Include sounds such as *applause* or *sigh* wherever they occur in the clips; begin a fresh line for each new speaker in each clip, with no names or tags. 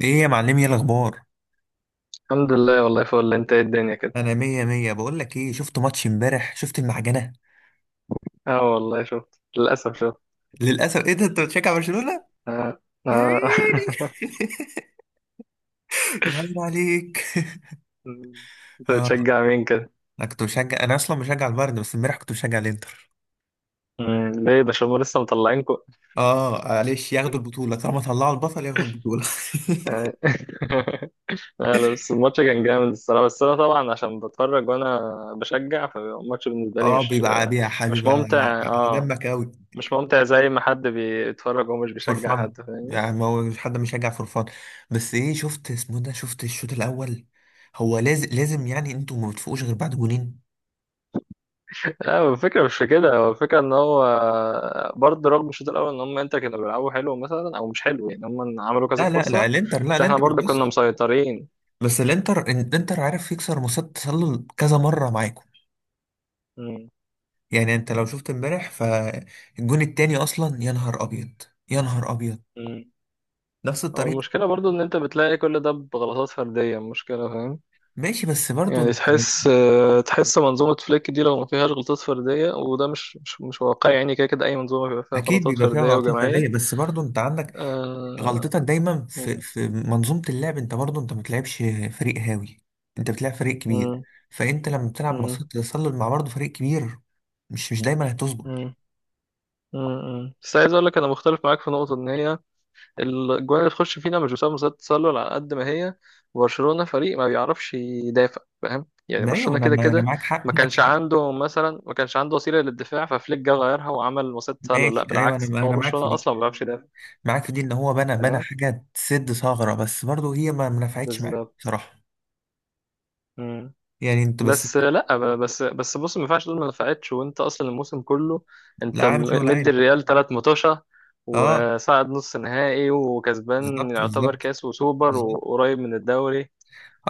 ايه يا معلمي، ايه الاخبار؟
الحمد لله، والله فل. انت ايه الدنيا كده؟
انا مية مية. بقول لك ايه، شفت ماتش امبارح؟ شفت المعجنة؟
اه والله شفت، للاسف شفت.
للاسف. ايه ده، انت بتشجع برشلونة؟
اه
يا
اه.
عيني.
*laughs*
*laughs* يا عيني عليك. *laughs*
انت
اه.
بتشجع مين كده؟
انا اصلا بشجع البايرن، بس امبارح كنت بشجع الانتر.
ليه ده؟ شو لسه مطلعينكم؟
اه، معلش، ياخدوا البطولة، طالما طلعوا البطل ياخدوا البطولة.
آه. *laughs* لا لا، بس الماتش كان جامد الصراحه. بس انا طبعا عشان بتفرج وانا بشجع، فالماتش
*laughs*
بالنسبه لي
اه،
مش
بيبقى عادي يا
مش
حبيبي على
ممتع. اه
دمك قوي.
مش ممتع زي ما حد بيتفرج ومش
فور
بيشجع
فان،
حد، فاهمني.
يعني ما هو مش حد مشجع فور فان. بس ايه، شفت اسمه ده، شفت الشوط الاول؟ هو لازم لازم، يعني انتوا ما بتفوقوش غير بعد جونين.
لا هو الفكرة مش في كده، هو الفكرة ان هو برضه رغم الشوط الاول ان هم انت كانوا بيلعبوا حلو مثلا او مش حلو. يعني هم عملوا كذا
لا لا لا،
فرصة
الانتر، لا
بس احنا
الانتر،
برضه كنا
بص.
مسيطرين.
بس الانتر عارف يكسر مصيدة التسلل كذا مرة معاكم.
امم
يعني انت لو شفت امبارح فالجون التاني اصلا، يا نهار ابيض، يا نهار ابيض.
امم
نفس
هو
الطريقة.
المشكلة برضه ان انت بتلاقي كل ده بغلطات فردية، المشكلة فاهم.
ماشي، بس برضو
يعني
انت
تحس آه، تحس منظومة فليك دي لو ما فيهاش غلطات فردية، وده مش واقعي يعني. كده كده اي منظومة بيبقى فيها
اكيد
غلطات
بيبقى فيها
فردية
غلطات
وجماعية
فردية، بس برضو انت عندك
آه،
غلطتك دايما في منظومة اللعب. انت برضو انت ما بتلعبش فريق هاوي، انت بتلعب فريق كبير.
امم
فانت لما بتلعب
امم
مصيدة التسلل مع برضو فريق كبير، مش دايما هتظبط.
امم بس عايز اقول لك انا مختلف معاك في نقطة ان هي الجوان اللي تخش فينا مش بسبب مصيدة التسلل على قد ما هي برشلونة فريق ما بيعرفش يدافع. فاهم يعني
ما ايوه،
برشلونة
انا
كده
انا
كده
معاك حق،
ما
معاك
كانش
حق.
عنده مثلا، ما كانش عنده وسيلة للدفاع ففليك جه غيرها وعمل مصيدة تسلل. لا
ماشي ايوه،
بالعكس،
انا
هو
انا معاك في
برشلونة
دي،
أصلا ما بيعرفش يدافع،
معاك في دي. ان هو بنى
فاهم.
حاجه تسد ثغره، بس برضه هي ما نفعتش معاه
بالظبط.
بصراحه.
مم.
يعني انت بس،
بس لا ب- بس بس بص ما ينفعش تقول ما نفعتش وانت اصلا الموسم كله
لا
انت
عامل شغل
مدي
عالي.
الريال ثلاث مطوشة
اه،
وصعد نص نهائي وكسبان،
بالظبط
يعتبر
بالظبط
كاس وسوبر
بالظبط.
وقريب من الدوري.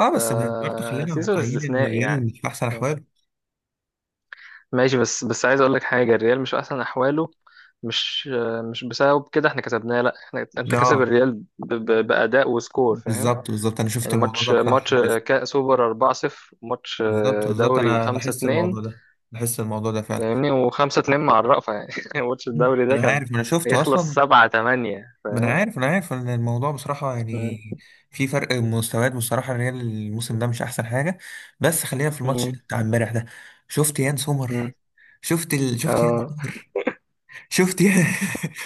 اه، بس برضه خلينا
فسيزو
واقعيين ان
استثنائي
الريال
يعني.
مش في احسن احواله.
ماشي بس بس عايز اقول لك حاجه، الريال مش في احسن احواله، مش مش بسبب كده احنا كسبناه. لا احنا انت كسب
اه،
الريال باداء وسكور، فاهم
بالظبط بالظبط. انا شفت
يعني. مم.
الموضوع
ماتش
ده بصراحه،
ماتش
لاحظت.
كاس سوبر 4-0، ماتش
بالظبط بالظبط،
دوري
انا لاحظت
5-2
الموضوع ده، لاحظت الموضوع ده فعلا.
فاهمني. و5-2 مع الرأفة يعني. *laughs* ماتش الدوري ده
انا
كان
عارف، انا شفته
هيخلص
اصلا.
7-8
ما انا
فاهم.
عارف، انا عارف ان الموضوع بصراحه يعني
مم.
في فرق مستويات. بصراحه الريال الموسم ده مش احسن حاجه. بس خلينا في الماتش
مم.
بتاع امبارح ده. شفت يان سومر؟
مم.
شفت يان
اه
سومر. شفت يان.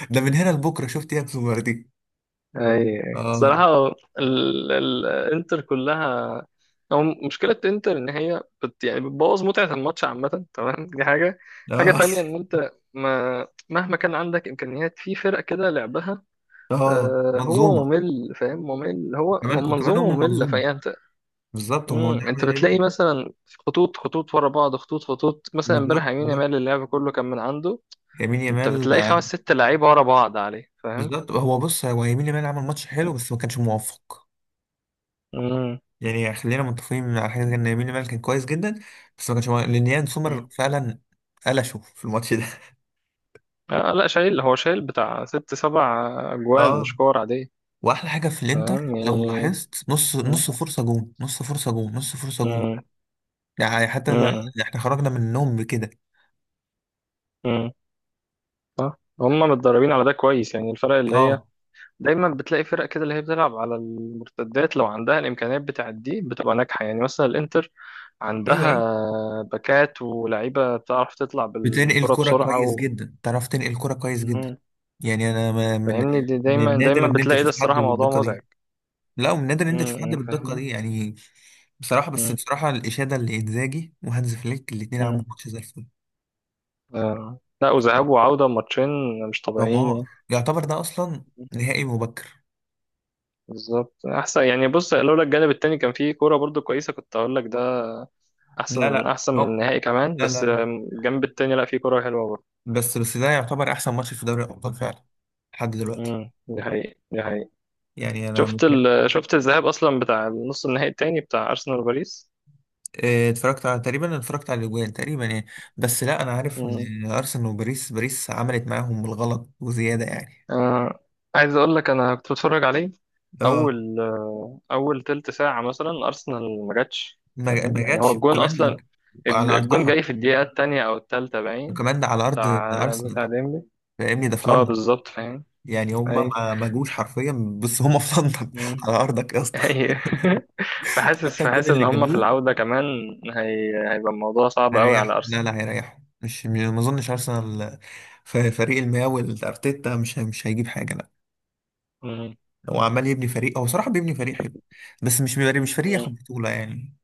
*laughs* ده من هنا لبكره. شفت يان سومر دي؟
اي. أي.
اه.
صراحة الانتر كلها، او مشكلة انتر ان هي بت يعني بتبوظ متعة الماتش عامة، تمام. دي حاجة. حاجة
اه
تانية ان انت ما مهما كان عندك امكانيات في فرق كده لعبها
اه،
آه، هو
منظومه،
ممل فاهم، ممل. هو
كمان وكمان،
منظومة
هم
مملة.
منظومه.
فهي انت
بالظبط، هم
انت
نعمل.
بتلاقي مثلا خطوط خطوط ورا بعض، خطوط خطوط مثلا. امبارح
بالظبط
يمين
بالظبط.
يامال اللعب كله كان من عنده.
يمين
انت
يامال،
بتلاقي
آه.
خمس ست لعيبة ورا بعض عليه، فاهم.
بالظبط، هو بص، هو يمين يامال عمل ماتش حلو بس ما كانش موفق. يعني خلينا متفقين على حاجه زي ان يمين يامال كان كويس جدا، بس ما كانش مو- لان يان سومر
مم.
فعلا قلشه في الماتش ده. *laughs*
آه لا شايل، هو شايل بتاع ست سبع أجوان، مش
اه،
كور عادية،
واحلى حاجه في الانتر،
فاهم
لو
يعني.
لاحظت، نص
مم.
نص فرصه جون، نص فرصه جون، نص فرصه جون.
مم.
يعني حتى ده
مم.
ده احنا خرجنا من النوم بكده.
مم. صح هم متدربين على ده كويس. يعني الفرق اللي هي
اه،
دايما بتلاقي فرق كده اللي هي بتلعب على المرتدات، لو عندها الإمكانيات بتاعت دي بتبقى ناجحة. يعني مثلا الإنتر
ايوه
عندها
ايوه.
باكات ولعيبة بتعرف تطلع
بتنقل
بالكرة
كرة
بسرعة
كويس
و...
جدا، تعرف تنقل كرة كويس جدا.
مم.
يعني انا من
فاهمني، دي
من
دايما
النادر
دايما
ان انت
بتلاقي، ده
تشوف حد
الصراحة موضوع
بالدقة
مزعج.
دي. لا، ومن نادر ان انت تشوف
مم.
حد بالدقه
مم.
دي يعني. بصراحه، بس بصراحه، الاشاده اللي انزاجي وهانز فليك، الاثنين عملوا
فاهمني.
ماتش زي الفل.
آه. لا، وذهاب
يعني
وعودة ماتشين مش طبيعيين
دمار،
يعني.
يعتبر ده اصلا نهائي مبكر.
بالظبط احسن يعني. بص لولا الجانب التاني كان فيه كورة برضو كويسة كنت اقول لك ده
لا
احسن
لا،
احسن من
هو
النهائي كمان،
لا
بس
لا لا،
آم، الجنب التاني لا فيه كورة حلوة برضو.
بس ده يعتبر احسن ماتش في دوري الابطال فعلا لحد دلوقتي.
دي حقيقة دي حقيقة.
يعني انا
شفت الذهاب اصلا بتاع نص النهائي التاني بتاع ارسنال وباريس
آه، اتفرجت على الاجوان تقريبا، يعني. بس لا، انا عارف ان ارسنال وباريس، باريس عملت معاهم بالغلط وزياده يعني.
آه. عايز اقول لك انا كنت بتفرج عليه
اه،
اول آه، اول تلت ساعه مثلا ارسنال ما جاتش،
ما
فاهم يعني. هو
جاتش،
الجون
وكمان
اصلا،
على
الجون
ارضها،
جاي في الدقيقه الثانيه او الثالثه باين.
وكمان ده على ارض
بتاع بتاع
ارسنال.
ديمبلي.
فاهمني، ده في
اه
لندن.
بالظبط فاهم.
يعني هما
اي
ما جوش حرفيا، بس هما في لندن. *laughs*
مم.
على ارضك يا اسطى.
اي. *laughs* فحاسس
حتى الجون
فحاسس
اللي
ان هم في
جابوه
العوده كمان، هيبقى الموضوع صعب قوي
هيريح.
على
لا
ارسنال.
لا، هيريح. مش م- ما اظنش ارسنال، في فريق المياوي، الارتيتا مش هيجيب حاجه، لا. هو عمال يبني فريق، هو صراحه بيبني فريق حلو، بس مش بيبقى- مش فريق
مم.
ياخد بطوله يعني.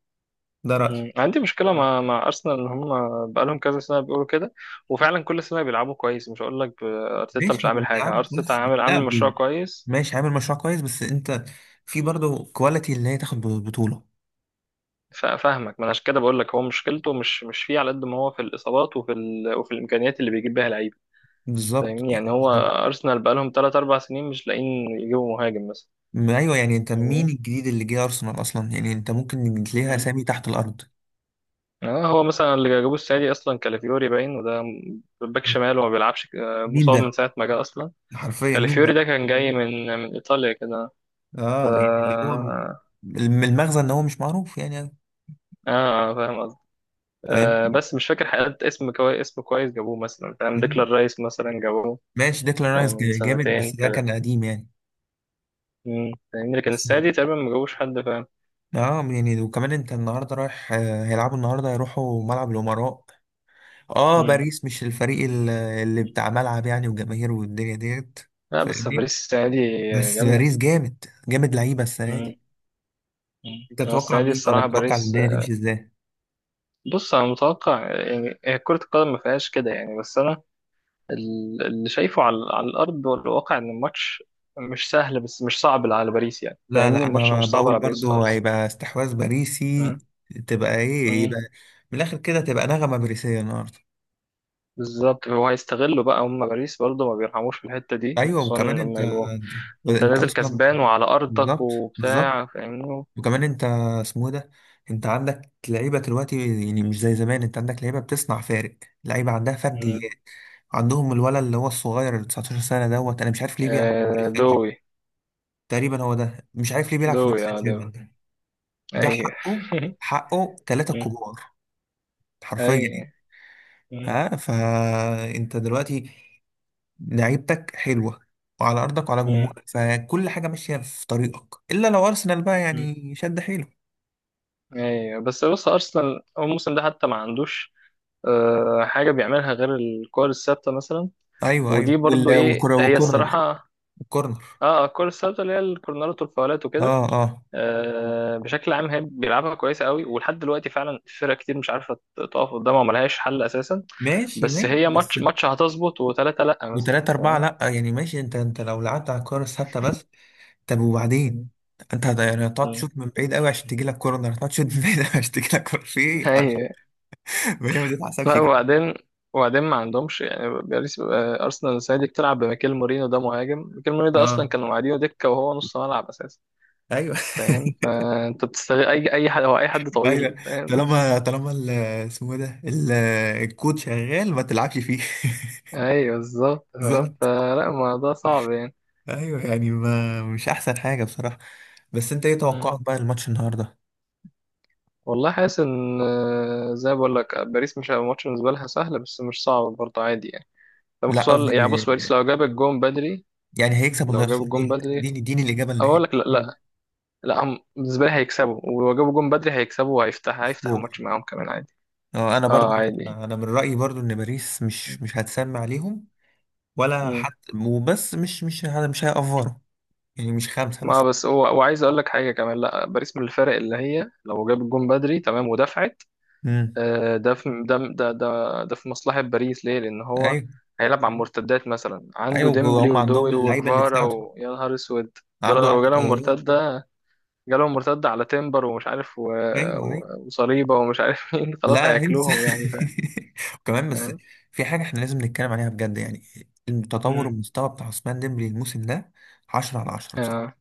ده رايي.
مم. عندي مشكلة آه. مع مع أرسنال إن هم بقالهم كذا سنة بيقولوا كده. وفعلا كل سنة بيلعبوا كويس. مش هقول لك أرتيتا
ماشي،
مش
هو
عامل حاجة،
بيلعب
أرتيتا
كويس.
عامل
لا
عامل مشروع
بي-
كويس.
ماشي، عامل مشروع كويس، بس انت في برضه كواليتي اللي هي تاخد بطوله.
فاهمك، ما أنا عشان كده بقول لك هو مشكلته مش مش فيه على قد ما هو في الإصابات وفي الإمكانيات اللي بيجيب بيها لعيبة، فاهمني
بالظبط
يعني.
يعني،
هو
بالظبط.
أرسنال بقالهم 3 4 سنين مش لاقيين يجيبوا مهاجم مثلا،
ما ايوه، يعني انت مين
فاهمني؟
الجديد اللي جه ارسنال اصلا؟ يعني انت ممكن تلاقيها
مم.
اسامي تحت الارض.
آه، هو مثلا اللي جابوه السنة دي أصلا كالافيوري باين، وده باك شمال وما بيلعبش آه،
مين
مصاب من
ده؟
ساعة ما جه أصلا.
حرفيا مين
كالافيوري ده
ده؟
كان جاي من من إيطاليا كده ف...
اه، يعني اللي هو المغزى ان هو مش معروف يعني.
اه فاهم قصدي.
فاهم.
آه بس مش فاكر حقيقة اسم كويس، اسم كويس جابوه مثلا فاهم.
مم.
ديكلان رايس مثلا جابوه
ماشي، ديكلان
آه،
رايس
من
جامد،
سنتين
بس ده كان
كده.
قديم يعني.
فاهمني، لكن
بس
السنة دي تقريبا ما جابوش حد فاهم.
اه، يعني وكمان انت النهارده رايح، هيلعبوا النهارده، هيروحوا ملعب الامراء. اه،
امم.
باريس مش الفريق اللي بتاع ملعب يعني وجماهير والدنيا ديت،
لا بس
فاهمني.
باريس السنة دي
بس
جامدة.
باريس جامد جامد، لعيبه السنه.
امم. أمم.
انت
هو
تتوقع
السنة دي
مين، ولا
الصراحة
تتوقع
باريس.
الدنيا تمشي ازاي؟
بص أنا متوقع يعني، هي كرة القدم ما فيهاش كده يعني، بس أنا اللي شايفه على، على الأرض والواقع إن الماتش مش سهل بس مش صعب على باريس يعني.
لا
فاهمني
لا،
الماتش
انا
مش صعب
بقول
على باريس
برضو
خالص.
هيبقى استحواذ باريسي. تبقى ايه
أمم.
يبقى، من الاخر كده تبقى نغمة باريسية النهارده.
بالظبط. هو هيستغلوا بقى هم، باريس برضه ما بيرحموش في الحتة دي
ايوه،
خصوصا
وكمان انت
لما يبقوا انت
انت
نازل
اصلا.
كسبان وعلى أرضك
بالظبط بالظبط.
وبتاع، فاهمني.
وكمان انت، اسمه إيه ده، انت عندك لعيبه دلوقتي يعني، مش زي زمان. انت عندك لعيبه بتصنع فارق، لعيبه عندها
مم.
فرديات. عندهم الولد اللي هو الصغير، اللي 19 سنه دوت، انا مش عارف ليه بيلعب في
آه
باريس سان جيرمان.
دوي.
تقريبا هو ده، مش عارف ليه بيلعب في
دوي
باريس سان
اه دوي.
جيرمان ده. ده
ايوه.
حقه.
*laughs*
حقه ثلاثة
مم.
كبار حرفيا يعني.
ايوه. مم.
ها، فانت دلوقتي لعيبتك حلوة، وعلى أرضك وعلى
مم.
جمهورك، فكل حاجة ماشية في طريقك، إلا لو أرسنال بقى
مم.
يعني شد حيله.
ايوه بس بص أرسنال هو الموسم ده حتى ما عندوش آه حاجة بيعملها غير الكور الثابتة مثلا.
أيوه
ودي
أيوه،
برضه ايه
والكرة
هي
والكورنر،
الصراحة.
الكورنر.
اه آه، الكور الثابتة اللي هي الكورنرات والفاولات وكده.
اه اه،
آه، بشكل عام هي بيلعبها كويسه قوي ولحد دلوقتي فعلا فرق كتير مش عارفه تقف قدامها وملهاش حل اساسا.
ماشي
بس
ماشي،
هي
بس
ماتش ماتش هتظبط وثلاثه لا مثلا
وتلاتة أربعة
فاهم.
لأ يعني. ماشي، أنت لو لعبت على الكورة الثابتة بس، طب وبعدين؟
مم.
أنت يعني هتقعد
مم.
تشوط من بعيد قوي عشان تجيلك كورنر، هتقعد تشوط من بعيد قوي عشان تجيلك كورنر، في إيه يا عم؟
هي
*laughs* ما هي ما تتحسبش
لا.
كده.
وبعدين، وبعدين ما عندهمش يعني باريس آه، ارسنال السنه دي بتلعب بميكيل مورينو. ده مهاجم، ميكيل مورينو ده اصلا
اه،
كانوا قاعدينه دكه وهو نص ملعب اساسا،
ايوه.
فاهم. فانت بتستغل اي اي حد، هو اي حد
*laughs*
طويل،
ايوه،
فاهم.
طالما طالما اسمه ده الكود شغال، ما تلعبش فيه.
ايوه بالظبط
*laughs*
فاهم.
بالظبط.
فلا الموضوع صعب
ايوه يعني، ما مش احسن حاجه بصراحه. بس انت ايه
يعني.
توقعك بقى الماتش النهارده؟
والله حاسس ان آه، زي ما بقول لك باريس مش هيبقى ماتش بالنسبه لها سهل بس مش صعب برضه، عادي يعني. لما
لا
خصوصا يعني
قصدي،
بص، باريس لو جاب الجون بدري،
يعني هيكسب ولا
لو جاب
هيخسر،
الجون
قول
بدري
اديني اديني الاجابه
اقول لك
النهائيه.
لا مم. لا. لا هم بالنسبه لي هيكسبوا، ولو جابوا الجون بدري هيكسبوا. وهيفتح هيفتح
سكور.
الماتش معاهم كمان عادي.
اه، انا
اه
برضو،
عادي.
انا من رايي برضو ان باريس مش هتسمع عليهم ولا
مم.
حتى، وبس مش هيأفروا، يعني مش خمسه
ما
مثلا.
بس هو، وعايز اقول لك حاجه كمان. لا باريس من الفرق اللي هي لو جاب الجون بدري تمام ودفعت
امم،
آه، ده في ده ده ده ده في مصلحة باريس، ليه؟ لأن هو
ايوه
هيلعب على المرتدات. مثلا عنده
ايوه.
ديمبلي
هم عندهم
ودوي
اللعيبه اللي
وجفارا
تساعدهم،
ويا نهار أسود، دول
عنده
لو
عنده
جالهم
طيارات.
مرتدة، جالهم مرتدة على تيمبر ومش عارف و...
ايوه ايوه.
و... وصليبة ومش عارف *laughs* مين، خلاص
لا انسى.
هياكلوهم يعني.
*laughs* وكمان بس،
فاهم؟
في حاجه احنا لازم نتكلم عليها بجد يعني، التطور
مم.
المستوى بتاع عثمان ديمبلي الموسم ده، 10 على 10 بصراحه.
آه.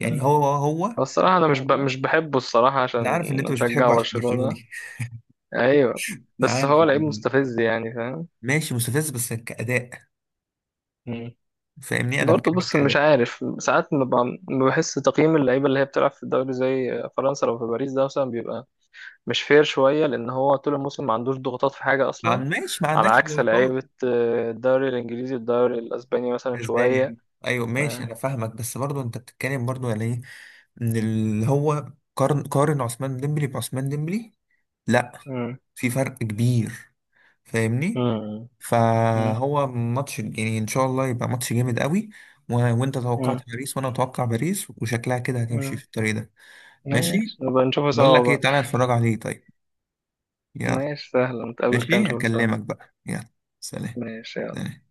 يعني
مم.
هو
هو الصراحة أنا مش بحبه الصراحة عشان
انا عارف ان
أنا
انت مش
بشجع
بتحبه عشان
برشلونة.
برشلوني.
أيوه.
*laughs* انا
بس
عارف
هو لعيب مستفز يعني.
ماشي، مستفز بس كاداء.
فاهم؟
فاهمني، انا
برضه
بكلمك
بص مش
كاداء.
عارف ساعات ما بحس تقييم اللعيبه اللي هي بتلعب في الدوري زي فرنسا لو في باريس ده مثلا بيبقى مش فير شويه لان هو طول الموسم ما عندوش ضغوطات في حاجه
ما
اصلا.
عن- ماشي، ما
على
عندكش
عكس
نقاط
لعيبه آه، الدوري الانجليزي الدوري الاسباني مثلا
بالنسبه لي
شويه
يعني. ايوه
ف...
ماشي، انا فاهمك، بس برضه انت بتتكلم برضه يعني ايه ان اللي هو، قارن عثمان ديمبلي بعثمان ديمبلي، لا
مم.
في فرق كبير. فاهمني،
مم. مم.
فهو ماتش، يعني ان شاء الله يبقى ماتش جامد قوي، وانت
مم.
توقعت باريس وانا اتوقع باريس، وشكلها كده هتمشي
مم.
في الطريق ده. ماشي،
ماشي نبقى نشوفه
بقول
سوا
لك ايه،
بقى.
تعالى اتفرج عليه طيب، يلا.
ماشي سهل نتقابل كده
ماشي،
نشوفه سوا.
اكلمك بقى، يلا. سلام.
ماشي
سلام.